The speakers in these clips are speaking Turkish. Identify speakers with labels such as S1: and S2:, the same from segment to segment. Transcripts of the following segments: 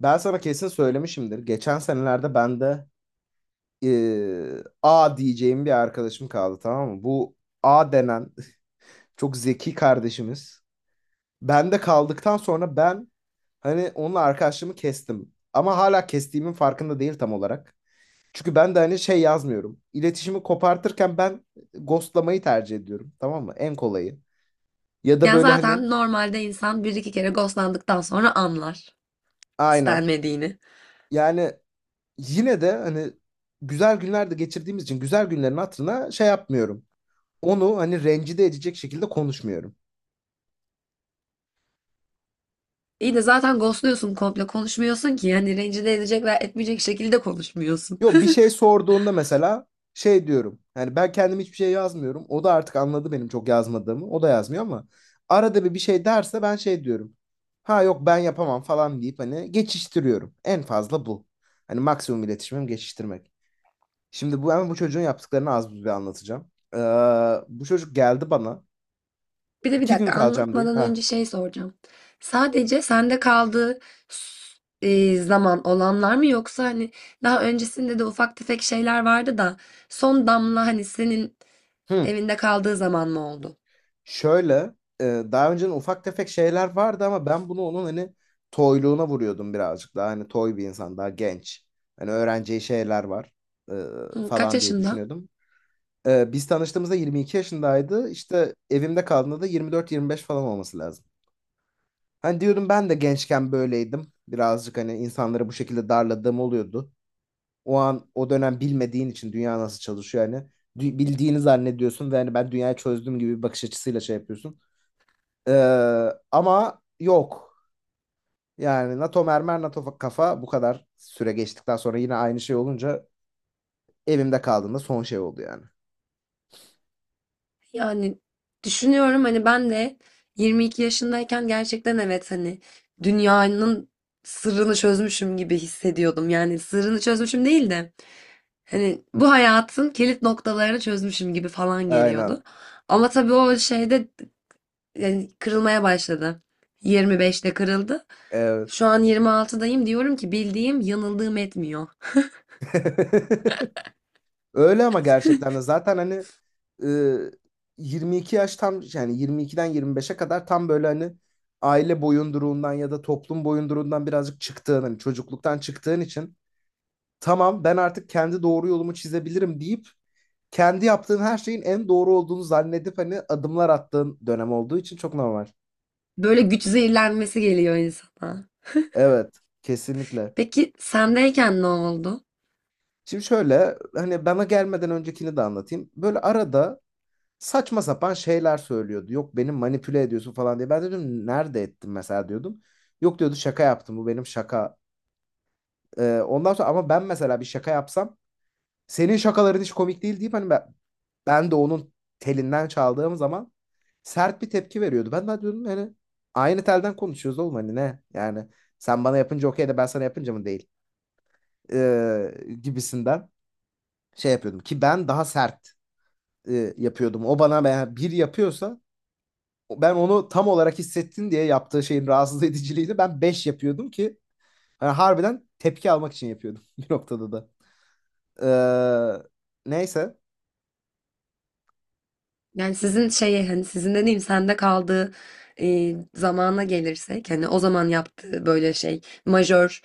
S1: Ben sana kesin söylemişimdir. Geçen senelerde ben de A diyeceğim bir arkadaşım kaldı, tamam mı? Bu A denen çok zeki kardeşimiz. Ben de kaldıktan sonra ben hani onunla arkadaşlığımı kestim. Ama hala kestiğimin farkında değil tam olarak. Çünkü ben de hani şey yazmıyorum. İletişimi kopartırken ben ghostlamayı tercih ediyorum, tamam mı? En kolayı. Ya da
S2: Yani
S1: böyle hani.
S2: zaten normalde insan bir iki kere ghostlandıktan sonra anlar
S1: Aynen.
S2: istenmediğini.
S1: Yani yine de hani güzel günlerde geçirdiğimiz için güzel günlerin hatırına şey yapmıyorum. Onu hani rencide edecek şekilde konuşmuyorum.
S2: İyi de zaten ghostluyorsun komple konuşmuyorsun ki yani rencide edecek veya etmeyecek şekilde konuşmuyorsun.
S1: Yok, bir şey sorduğunda mesela şey diyorum. Yani ben kendim hiçbir şey yazmıyorum. O da artık anladı benim çok yazmadığımı. O da yazmıyor ama arada bir bir şey derse ben şey diyorum. Ha yok, ben yapamam falan deyip hani geçiştiriyorum. En fazla bu. Hani maksimum iletişimim geçiştirmek. Şimdi bu çocuğun yaptıklarını az buz bir anlatacağım. Ee, bu çocuk geldi bana.
S2: Bir de bir
S1: İki gün
S2: dakika
S1: kalacağım diye.
S2: anlatmadan
S1: Ha.
S2: önce şey soracağım. Sadece sende kaldığı zaman olanlar mı yoksa hani daha öncesinde de ufak tefek şeyler vardı da son damla hani senin
S1: Hı.
S2: evinde kaldığı zaman mı oldu?
S1: Şöyle daha önceden ufak tefek şeyler vardı ama ben bunu onun hani toyluğuna vuruyordum, birazcık daha hani toy bir insan, daha genç. Hani öğreneceği şeyler var e,
S2: Hı, kaç
S1: falan diye
S2: yaşında?
S1: düşünüyordum. Biz tanıştığımızda 22 yaşındaydı, işte evimde kaldığında da 24-25 falan olması lazım. Hani diyordum ben de gençken böyleydim birazcık, hani insanları bu şekilde darladığım oluyordu. O an o dönem bilmediğin için dünya nasıl çalışıyor, hani bildiğini zannediyorsun ve hani ben dünyayı çözdüm gibi bir bakış açısıyla şey yapıyorsun. Ama yok. Yani NATO mermer, NATO kafa, bu kadar süre geçtikten sonra yine aynı şey olunca evimde kaldığında son şey oldu yani.
S2: Yani düşünüyorum, hani ben de 22 yaşındayken gerçekten evet, hani dünyanın sırrını çözmüşüm gibi hissediyordum. Yani sırrını çözmüşüm değil de hani bu hayatın kilit noktalarını çözmüşüm gibi falan
S1: Aynen.
S2: geliyordu. Ama tabii o şeyde yani kırılmaya başladı. 25'te kırıldı.
S1: Evet.
S2: Şu an 26'dayım, diyorum ki bildiğim yanıldığım etmiyor.
S1: Öyle, ama gerçekten de zaten hani e, 22 yaş tam, yani 22'den 25'e kadar tam böyle hani aile boyunduruğundan ya da toplum boyunduruğundan birazcık çıktığın, hani çocukluktan çıktığın için tamam ben artık kendi doğru yolumu çizebilirim deyip kendi yaptığın her şeyin en doğru olduğunu zannedip hani adımlar attığın dönem olduğu için çok normal.
S2: Böyle güç zehirlenmesi geliyor insana.
S1: Evet, kesinlikle.
S2: Peki sendeyken ne oldu?
S1: Şimdi şöyle, hani bana gelmeden öncekini de anlatayım. Böyle arada saçma sapan şeyler söylüyordu. Yok, beni manipüle ediyorsun falan diye. Ben de dedim nerede ettim mesela diyordum. Yok diyordu, şaka yaptım, bu benim şaka. Ondan sonra ama ben mesela bir şaka yapsam senin şakaların hiç komik değil deyip hani ben de onun telinden çaldığım zaman sert bir tepki veriyordu. Ben de diyordum hani aynı telden konuşuyoruz oğlum, hani ne? Yani sen bana yapınca okey de ben sana yapınca mı değil? Ee, gibisinden şey yapıyordum ki ben daha sert yapıyordum. O bana, ben yani bir yapıyorsa ben onu tam olarak hissettin diye yaptığı şeyin rahatsız ediciliğini ben beş yapıyordum ki yani harbiden tepki almak için yapıyordum bir noktada da. Ee, neyse.
S2: Yani sizin şeyi, hani sizin dediğim sende kaldığı zamana gelirsek, hani o zaman yaptığı böyle şey majör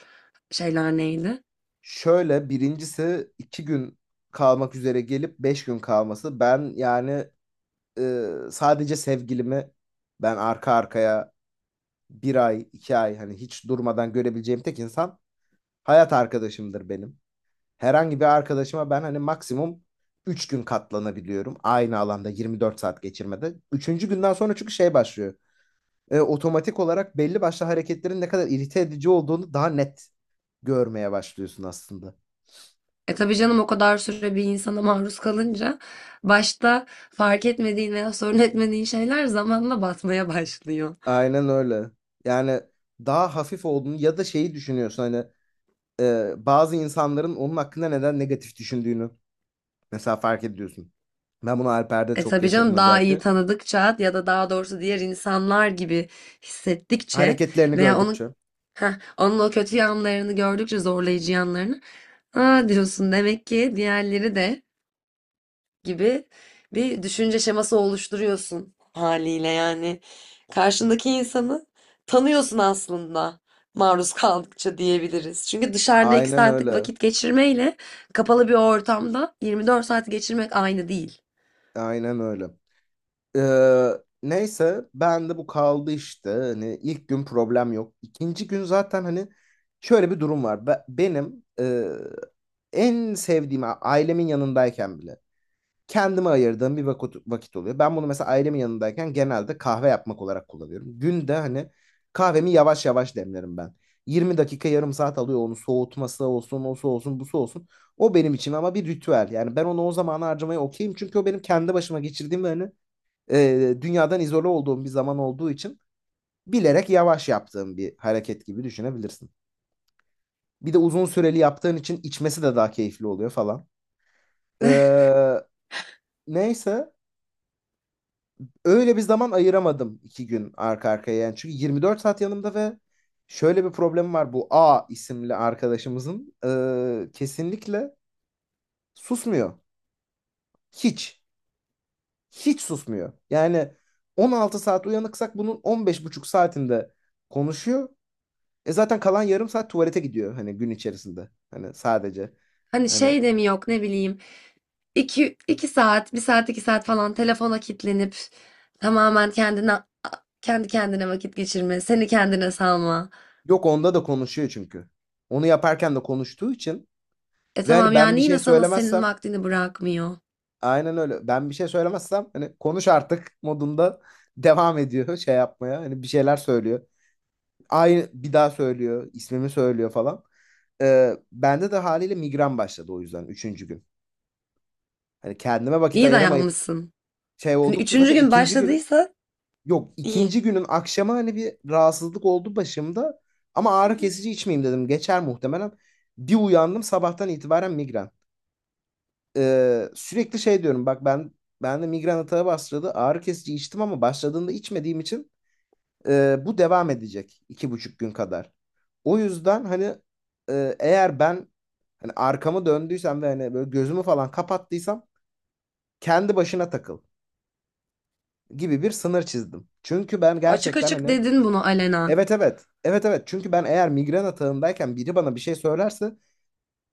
S2: şeyler neydi?
S1: Şöyle, birincisi iki gün kalmak üzere gelip beş gün kalması. Ben yani sadece sevgilimi, ben arka arkaya bir ay iki ay hani hiç durmadan görebileceğim tek insan hayat arkadaşımdır benim. Herhangi bir arkadaşıma ben hani maksimum üç gün katlanabiliyorum. Aynı alanda 24 saat geçirmede. Üçüncü günden sonra çünkü şey başlıyor. Otomatik olarak belli başlı hareketlerin ne kadar irite edici olduğunu daha net görmeye başlıyorsun aslında.
S2: E tabii canım, o kadar süre bir insana maruz kalınca başta fark etmediğin veya sorun etmediğin şeyler zamanla batmaya başlıyor.
S1: Aynen öyle. Yani daha hafif olduğunu ya da şeyi düşünüyorsun, hani bazı insanların onun hakkında neden negatif düşündüğünü mesela fark ediyorsun. Ben bunu Alper'de
S2: E
S1: çok
S2: tabii
S1: yaşadım
S2: canım, daha iyi
S1: özellikle.
S2: tanıdıkça ya da daha doğrusu diğer insanlar gibi hissettikçe
S1: Hareketlerini
S2: veya
S1: gördükçe.
S2: heh, onun o kötü yanlarını gördükçe, zorlayıcı yanlarını, aa diyorsun, demek ki diğerleri de gibi bir düşünce şeması oluşturuyorsun haliyle yani. Karşındaki insanı tanıyorsun aslında, maruz kaldıkça diyebiliriz. Çünkü dışarıda 2
S1: Aynen
S2: saatlik
S1: öyle.
S2: vakit geçirmeyle kapalı bir ortamda 24 saat geçirmek aynı değil.
S1: Aynen öyle. Ee, neyse ben de bu kaldı işte. Hani ilk gün problem yok. İkinci gün zaten hani şöyle bir durum var. Benim en sevdiğim, ailemin yanındayken bile kendime ayırdığım bir vakit oluyor. Ben bunu mesela ailemin yanındayken genelde kahve yapmak olarak kullanıyorum. Günde hani kahvemi yavaş yavaş demlerim ben. 20 dakika yarım saat alıyor onu, soğutması olsun, osu olsun, busu olsun. O benim için ama bir ritüel. Yani ben onu o zamana harcamaya okeyim. Çünkü o benim kendi başıma geçirdiğim ve hani dünyadan izole olduğum bir zaman olduğu için bilerek yavaş yaptığım bir hareket gibi düşünebilirsin. Bir de uzun süreli yaptığın için içmesi de daha keyifli oluyor falan. Ee, neyse öyle bir zaman ayıramadım iki gün arka arkaya yani. Çünkü 24 saat yanımda ve şöyle bir problem var, bu A isimli arkadaşımızın, kesinlikle susmuyor. Hiç. Hiç susmuyor. Yani 16 saat uyanıksak bunun 15 buçuk saatinde konuşuyor. Zaten kalan yarım saat tuvalete gidiyor hani gün içerisinde. Hani sadece.
S2: Hani
S1: Hani
S2: şey de mi yok, ne bileyim, iki saat, 1 saat, 2 saat falan telefona kilitlenip tamamen kendi kendine vakit geçirme, seni kendine salma.
S1: yok, onda da konuşuyor çünkü. Onu yaparken de konuştuğu için
S2: E
S1: ve
S2: tamam,
S1: hani ben bir
S2: yani
S1: şey
S2: yine sana senin
S1: söylemezsem.
S2: vaktini bırakmıyor.
S1: Aynen öyle. Ben bir şey söylemezsem hani konuş artık modunda devam ediyor şey yapmaya. Hani bir şeyler söylüyor. Aynı bir daha söylüyor, ismimi söylüyor falan. Bende de haliyle migren başladı, o yüzden üçüncü gün. Hani kendime vakit
S2: İyi
S1: ayıramayıp
S2: dayanmışsın.
S1: şey
S2: Hani
S1: oldukça
S2: üçüncü
S1: zaten
S2: gün
S1: ikinci günüm.
S2: başladıysa
S1: Yok,
S2: iyi.
S1: ikinci günün akşamı hani bir rahatsızlık oldu başımda. Ama ağrı kesici içmeyeyim dedim, geçer muhtemelen. Bir uyandım sabahtan itibaren migren. Sürekli şey diyorum, bak ben de migren atağı bastırdı. Ağrı kesici içtim ama başladığında içmediğim için bu devam edecek iki buçuk gün kadar. O yüzden hani eğer ben hani arkamı döndüysem ve hani böyle gözümü falan kapattıysam kendi başına takıl gibi bir sınır çizdim. Çünkü ben
S2: Açık
S1: gerçekten
S2: açık
S1: hani.
S2: dedin bunu alenen.
S1: Evet, evet, evet, evet. Çünkü ben eğer migren atağındayken biri bana bir şey söylerse,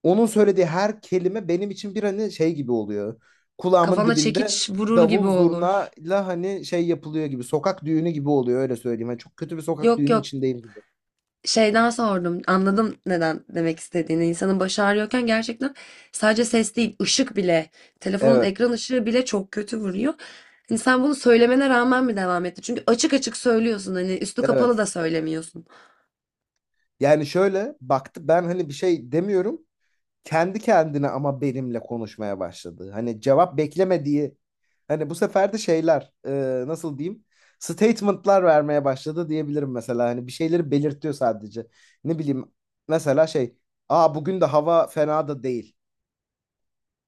S1: onun söylediği her kelime benim için bir hani şey gibi oluyor. Kulağımın
S2: Kafana
S1: dibinde
S2: çekiç vurur gibi
S1: davul
S2: olur.
S1: zurnayla hani şey yapılıyor gibi. Sokak düğünü gibi oluyor, öyle söyleyeyim. Hani çok kötü bir sokak
S2: Yok,
S1: düğünün
S2: yok,
S1: içindeyim gibi.
S2: şeyden sordum. Anladım neden demek istediğini. İnsanın başı ağrıyorken gerçekten sadece ses değil, ışık bile, telefonun
S1: Evet,
S2: ekran ışığı bile çok kötü vuruyor. Hani sen bunu söylemene rağmen mi devam etti? Çünkü açık açık söylüyorsun, hani üstü kapalı
S1: evet.
S2: da söylemiyorsun.
S1: Yani şöyle baktı, ben hani bir şey demiyorum. Kendi kendine ama benimle konuşmaya başladı. Hani cevap beklemediği. Hani bu sefer de şeyler, nasıl diyeyim? Statement'lar vermeye başladı diyebilirim mesela. Hani bir şeyleri belirtiyor sadece. Ne bileyim, mesela şey. Aa, bugün de hava fena da değil.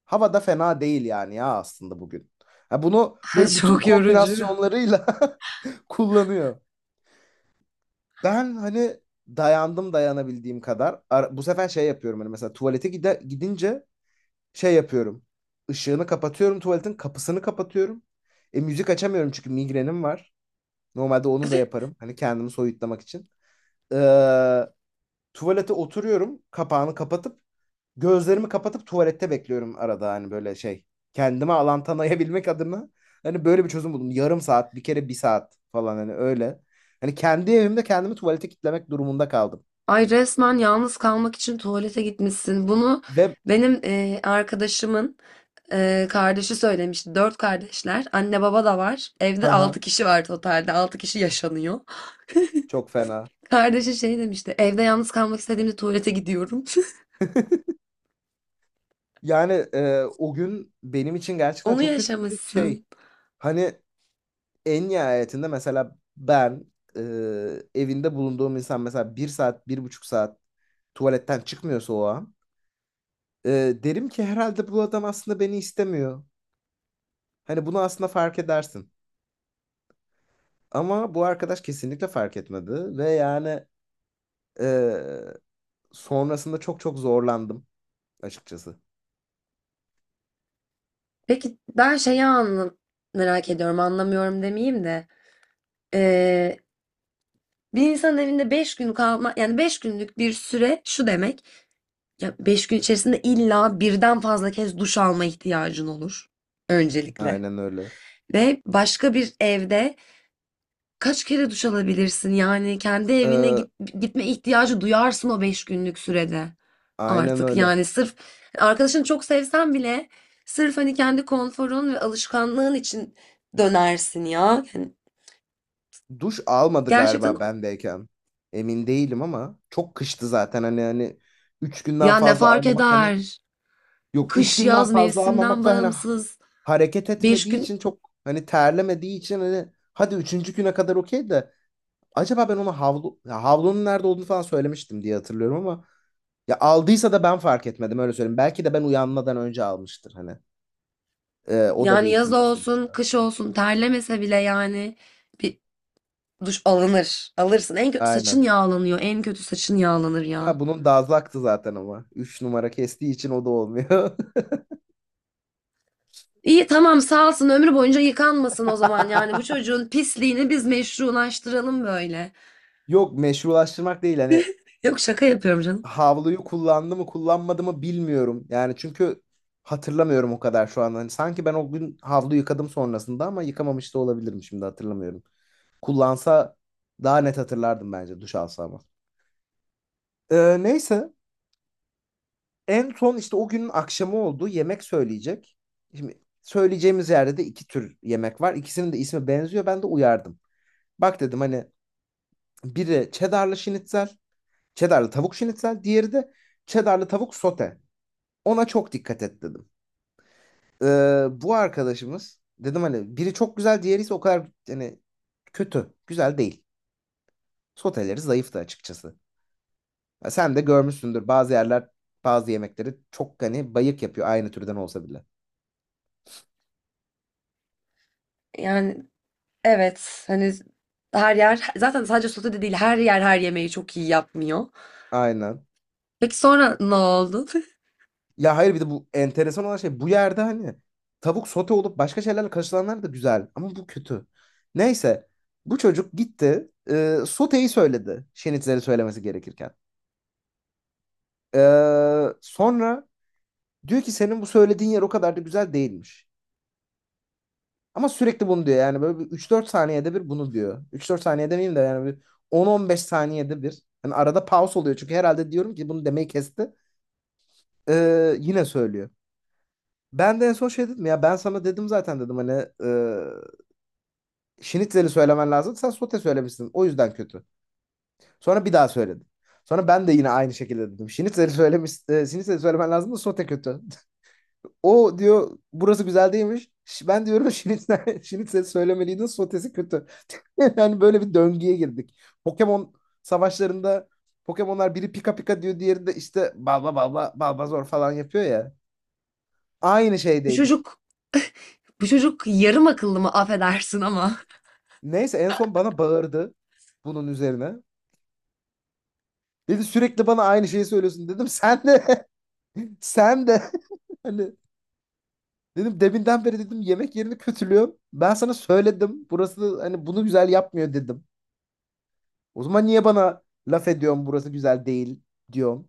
S1: Hava da fena değil yani, ya aslında bugün. Ha, bunu
S2: Ay,
S1: böyle bütün
S2: çok yorucu.
S1: kombinasyonlarıyla kullanıyor. Ben hani dayandım dayanabildiğim kadar. Bu sefer şey yapıyorum, hani mesela tuvalete gide gidince şey yapıyorum. Işığını kapatıyorum, tuvaletin kapısını kapatıyorum. Müzik açamıyorum çünkü migrenim var. Normalde onu da yaparım, hani kendimi soyutlamak için. Ee, tuvalete oturuyorum. Kapağını kapatıp gözlerimi kapatıp tuvalette bekliyorum arada hani böyle şey. Kendime alan tanıyabilmek adına hani böyle bir çözüm buldum. Yarım saat, bir kere bir saat falan hani öyle. Hani kendi evimde kendimi tuvalete kitlemek durumunda kaldım.
S2: Ay, resmen yalnız kalmak için tuvalete gitmişsin. Bunu
S1: Ve
S2: benim arkadaşımın kardeşi söylemişti. Dört kardeşler. Anne baba da var. Evde
S1: haha,
S2: altı kişi var totalde. Altı kişi yaşanıyor.
S1: çok fena.
S2: Kardeşi şey demişti. Evde yalnız kalmak istediğimde tuvalete gidiyorum.
S1: Yani o gün benim için gerçekten
S2: Onu
S1: çok kötü bir şey.
S2: yaşamışsın.
S1: Hani en nihayetinde mesela ben, e, evinde bulunduğum insan mesela bir saat, bir buçuk saat tuvaletten çıkmıyorsa o an e, derim ki herhalde bu adam aslında beni istemiyor. Hani bunu aslında fark edersin. Ama bu arkadaş kesinlikle fark etmedi ve yani e, sonrasında çok çok zorlandım açıkçası.
S2: Peki ben şeyi merak ediyorum. Anlamıyorum demeyeyim de. E, Bir insanın evinde 5 gün kalma, yani 5 günlük bir süre şu demek. Ya 5 gün içerisinde illa birden fazla kez duş alma ihtiyacın olur. Öncelikle.
S1: Aynen öyle.
S2: Ve başka bir evde kaç kere duş alabilirsin? Yani kendi evine
S1: Ee,
S2: gitme ihtiyacı duyarsın o 5 günlük sürede
S1: aynen
S2: artık.
S1: öyle.
S2: Yani sırf arkadaşını çok sevsen bile, sırf hani kendi konforun ve alışkanlığın için dönersin ya. Yani
S1: Duş almadı
S2: gerçekten,
S1: galiba bendeyken. Emin değilim ama çok kıştı zaten, hani 3 günden
S2: ya ne
S1: fazla
S2: fark
S1: almamak hani,
S2: eder?
S1: yok 3
S2: Kış
S1: günden
S2: yaz
S1: fazla
S2: mevsimden
S1: almamak da hani
S2: bağımsız.
S1: hareket
S2: Beş
S1: etmediği
S2: gün
S1: için, çok hani terlemediği için hani hadi üçüncü güne kadar okey de acaba ben ona havlu ya havlunun nerede olduğunu falan söylemiştim diye hatırlıyorum ama, Ya aldıysa da ben fark etmedim, öyle söyleyeyim. Belki de ben uyanmadan önce almıştır hani. O da bir
S2: Yani yaz
S1: ihtimal
S2: olsun,
S1: sonuçta.
S2: kış olsun, terlemese bile yani bir duş alınır. Alırsın. En kötü saçın
S1: Aynen.
S2: yağlanıyor. En kötü saçın yağlanır
S1: Ha,
S2: ya.
S1: bunun dazaktı zaten ama. Üç numara kestiği için o da olmuyor.
S2: İyi, tamam, sağ olsun ömrü boyunca yıkanmasın o zaman, yani bu çocuğun pisliğini biz meşrulaştıralım böyle.
S1: Yok, meşrulaştırmak değil, hani
S2: Yok, şaka yapıyorum canım.
S1: havluyu kullandı mı kullanmadı mı bilmiyorum. Yani çünkü hatırlamıyorum o kadar şu an. Hani sanki ben o gün havlu yıkadım sonrasında ama yıkamamış da olabilirim, şimdi hatırlamıyorum. Kullansa daha net hatırlardım bence, duş alsa ama. Neyse en son işte o günün akşamı oldu, yemek söyleyecek. Şimdi söyleyeceğimiz yerde de iki tür yemek var. İkisinin de ismi benziyor, ben de uyardım. Bak dedim hani, biri cheddarlı şinitzel, cheddarlı tavuk şinitzel, diğeri de cheddarlı tavuk sote. Ona çok dikkat et dedim. Bu arkadaşımız dedim, hani biri çok güzel, diğeri ise o kadar hani kötü, güzel değil. Soteleri zayıftı açıkçası. Ya sen de görmüşsündür, bazı yerler bazı yemekleri çok hani bayık yapıyor aynı türden olsa bile.
S2: Yani evet, hani her yer zaten sadece sote değil, her yer her yemeği çok iyi yapmıyor.
S1: Aynen.
S2: Peki sonra ne oldu?
S1: Ya hayır, bir de bu enteresan olan şey, bu yerde hani tavuk sote olup başka şeylerle karışılanlar da güzel ama bu kötü. Neyse, bu çocuk gitti, soteyi söyledi şenitleri söylemesi gerekirken. E, sonra diyor ki senin bu söylediğin yer o kadar da güzel değilmiş. Ama sürekli bunu diyor, yani böyle bir 3-4 saniyede bir bunu diyor. Üç dört saniyede demeyeyim de yani bir on on beş saniyede bir. Hani arada pause oluyor çünkü, herhalde diyorum ki bunu demeyi kesti. Yine söylüyor. Ben de en son şey dedim, ya ben sana dedim zaten, dedim hani e, şnitzeli söylemen lazım, sen sote söylemişsin, o yüzden kötü. Sonra bir daha söyledim. Sonra ben de yine aynı şekilde dedim. Şnitzeli söylemiş, şnitzeli söylemen lazım da sote kötü. O diyor burası güzel değilmiş. Ben diyorum şnitzel, şnitzeli söylemeliydin, sotesi kötü. Yani böyle bir döngüye girdik. Pokemon savaşlarında Pokemon'lar biri pika pika diyor, diğeri de işte balba balba balba zor falan yapıyor ya. Aynı
S2: Bu
S1: şeydeydik.
S2: çocuk bu çocuk yarım akıllı mı, affedersin ama.
S1: Neyse en son bana bağırdı bunun üzerine. Dedi sürekli bana aynı şeyi söylüyorsun, dedim. Sen de sen de hani dedim, deminden beri dedim yemek yerini kötülüyorum. Ben sana söyledim, burası hani bunu güzel yapmıyor dedim. O zaman niye bana laf ediyorsun burası güzel değil diyorum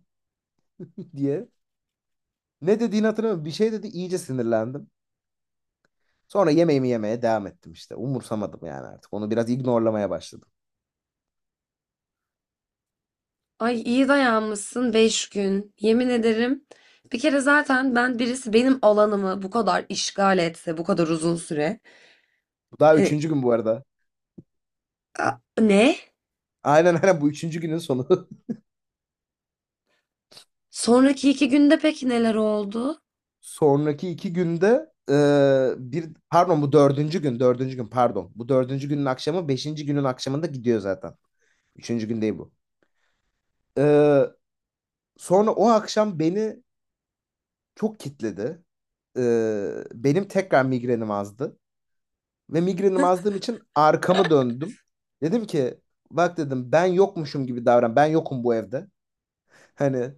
S1: diye. Ne dediğini hatırlamıyorum, bir şey dedi, iyice sinirlendim. Sonra yemeğimi yemeye devam ettim işte. Umursamadım yani artık. Onu biraz ignorlamaya başladım.
S2: Ay, iyi dayanmışsın 5 gün. Yemin ederim. Bir kere zaten ben, birisi benim alanımı bu kadar işgal etse bu kadar uzun süre.
S1: Bu daha
S2: Hani,
S1: üçüncü gün bu arada.
S2: ne?
S1: Aynen, aynen, bu üçüncü günün sonu.
S2: Sonraki 2 günde peki neler oldu?
S1: Sonraki iki günde bir pardon, bu dördüncü gün, dördüncü gün pardon, bu dördüncü günün akşamı beşinci günün akşamında gidiyor zaten. Üçüncü gün değil bu. E, sonra o akşam beni çok kitledi. E, benim tekrar migrenim azdı ve migrenim azdığım için arkamı döndüm. Dedim ki bak dedim ben yokmuşum gibi davran, ben yokum bu evde. Hani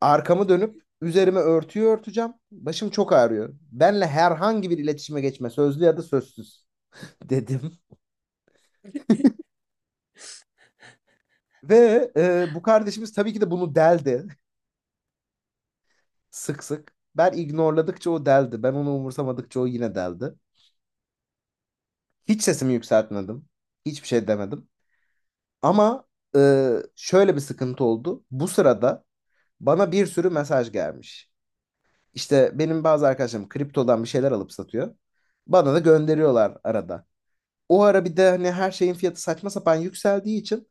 S1: arkamı dönüp üzerime örtüyü örteceğim. Başım çok ağrıyor. Benle herhangi bir iletişime geçme, sözlü ya da sözsüz, dedim. Ve bu kardeşimiz tabii ki de bunu deldi sık sık. Ben ignorladıkça o deldi. Ben onu umursamadıkça o yine deldi. Hiç sesimi yükseltmedim. Hiçbir şey demedim. Ama e, şöyle bir sıkıntı oldu. Bu sırada bana bir sürü mesaj gelmiş. İşte benim bazı arkadaşlarım kriptodan bir şeyler alıp satıyor. Bana da gönderiyorlar arada. O ara bir de hani her şeyin fiyatı saçma sapan yükseldiği için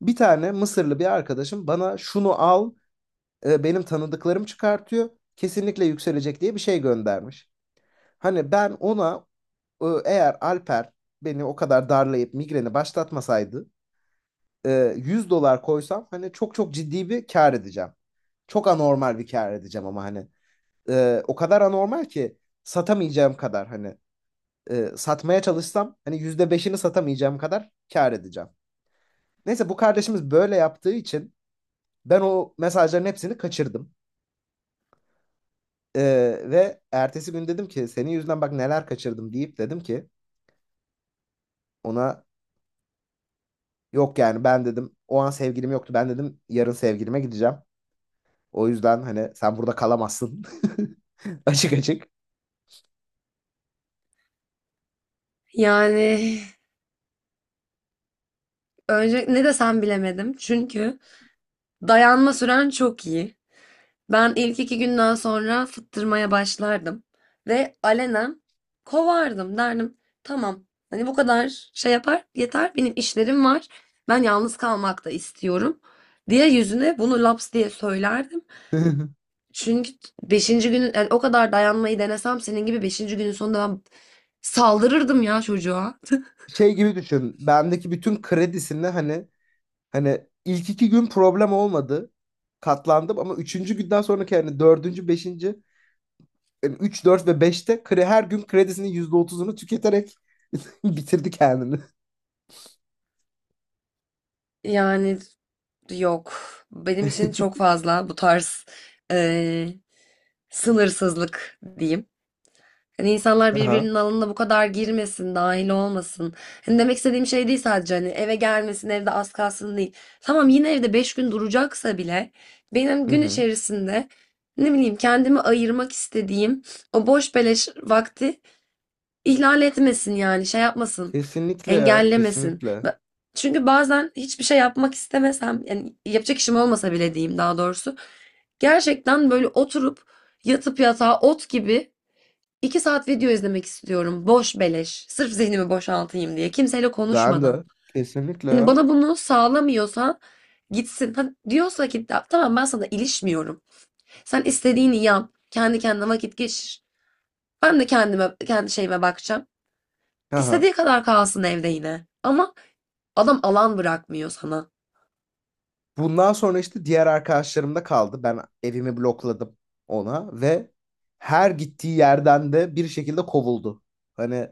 S1: bir tane Mısırlı bir arkadaşım, bana şunu al, benim tanıdıklarım çıkartıyor, kesinlikle yükselecek diye bir şey göndermiş. Hani ben ona, eğer Alper beni o kadar darlayıp migreni başlatmasaydı, 100 dolar koysam hani çok çok ciddi bir kar edeceğim. Çok anormal bir kar edeceğim ama hani o kadar anormal ki satamayacağım kadar, hani satmaya çalışsam hani yüzde beşini satamayacağım kadar kar edeceğim. Neyse bu kardeşimiz böyle yaptığı için ben o mesajların hepsini kaçırdım. Ee, ve ertesi gün dedim ki senin yüzünden bak neler kaçırdım deyip, dedim ki ona, yok yani ben dedim, o an sevgilim yoktu, ben dedim yarın sevgilime gideceğim. O yüzden hani sen burada kalamazsın. Açık açık.
S2: Yani önce ne desem bilemedim. Çünkü dayanma süren çok iyi. Ben ilk 2 günden sonra fıttırmaya başlardım ve alenen kovardım, derdim. Tamam, hani bu kadar şey yapar yeter, benim işlerim var, ben yalnız kalmak da istiyorum diye yüzüne bunu laps diye söylerdim. Çünkü beşinci günün, yani o kadar dayanmayı denesem senin gibi, beşinci günün sonunda ben saldırırdım ya çocuğa.
S1: Şey gibi düşün. Bendeki bütün kredisini hani ilk iki gün problem olmadı. Katlandım, ama üçüncü günden sonraki hani dördüncü, beşinci, yani üç, dört ve beşte her gün kredisinin yüzde otuzunu tüketerek bitirdi kendini.
S2: Yani yok, benim için çok fazla bu tarz eee, sınırsızlık diyeyim. Hani insanlar
S1: Aha.
S2: birbirinin alanına bu kadar girmesin, dahil olmasın. Hani demek istediğim şey değil sadece, hani eve gelmesin, evde az kalsın değil. Tamam, yine evde 5 gün duracaksa bile benim
S1: Hı
S2: gün
S1: hı.
S2: içerisinde, ne bileyim, kendimi ayırmak istediğim o boş beleş vakti ihlal etmesin, yani şey yapmasın,
S1: Kesinlikle ya,
S2: engellemesin.
S1: kesinlikle.
S2: Çünkü bazen hiçbir şey yapmak istemesem, yani yapacak işim olmasa bile diyeyim daha doğrusu, gerçekten böyle oturup yatıp yatağa ot gibi 2 saat video izlemek istiyorum. Boş beleş. Sırf zihnimi boşaltayım diye. Kimseyle
S1: Ben
S2: konuşmadan.
S1: de kesinlikle
S2: Hani
S1: ya.
S2: bana bunu sağlamıyorsa, gitsin. Ha, diyorsa ki tamam, ben sana ilişmiyorum. Sen istediğini yap. Kendi kendine vakit geçir. Ben de kendime, kendi şeyime bakacağım.
S1: Aha.
S2: İstediği kadar kalsın evde yine. Ama adam alan bırakmıyor sana.
S1: Bundan sonra işte diğer arkadaşlarım da kaldı. Ben evimi blokladım ona ve her gittiği yerden de bir şekilde kovuldu. Hani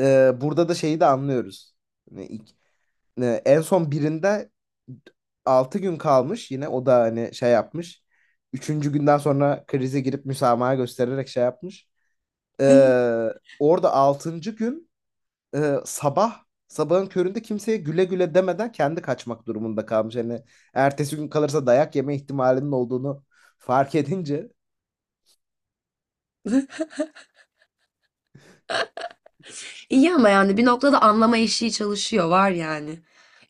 S1: burada da şeyi de anlıyoruz. Hani en son birinde 6 gün kalmış yine, o da hani şey yapmış. Üçüncü günden sonra krize girip müsamaha göstererek şey yapmış. Ee, orada altıncı gün sabah sabahın köründe kimseye güle güle demeden kendi kaçmak durumunda kalmış. Hani ertesi gün kalırsa dayak yeme ihtimalinin olduğunu fark edince.
S2: İyi ama yani bir noktada anlama eşiği çalışıyor var yani.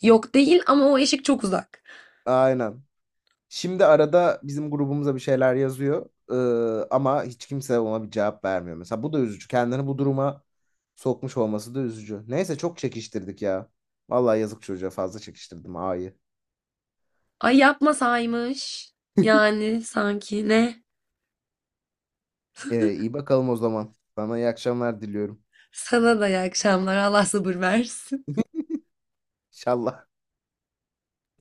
S2: Yok değil, ama o eşik çok uzak.
S1: Aynen. Şimdi arada bizim grubumuza bir şeyler yazıyor ama hiç kimse ona bir cevap vermiyor. Mesela bu da üzücü. Kendini bu duruma sokmuş olması da üzücü. Neyse çok çekiştirdik ya. Vallahi yazık çocuğa, fazla çekiştirdim ağayı.
S2: Ay, yapmasaymış. Yani sanki ne?
S1: E, iyi bakalım o zaman. Sana iyi akşamlar diliyorum.
S2: Sana da iyi akşamlar. Allah sabır versin.
S1: İnşallah.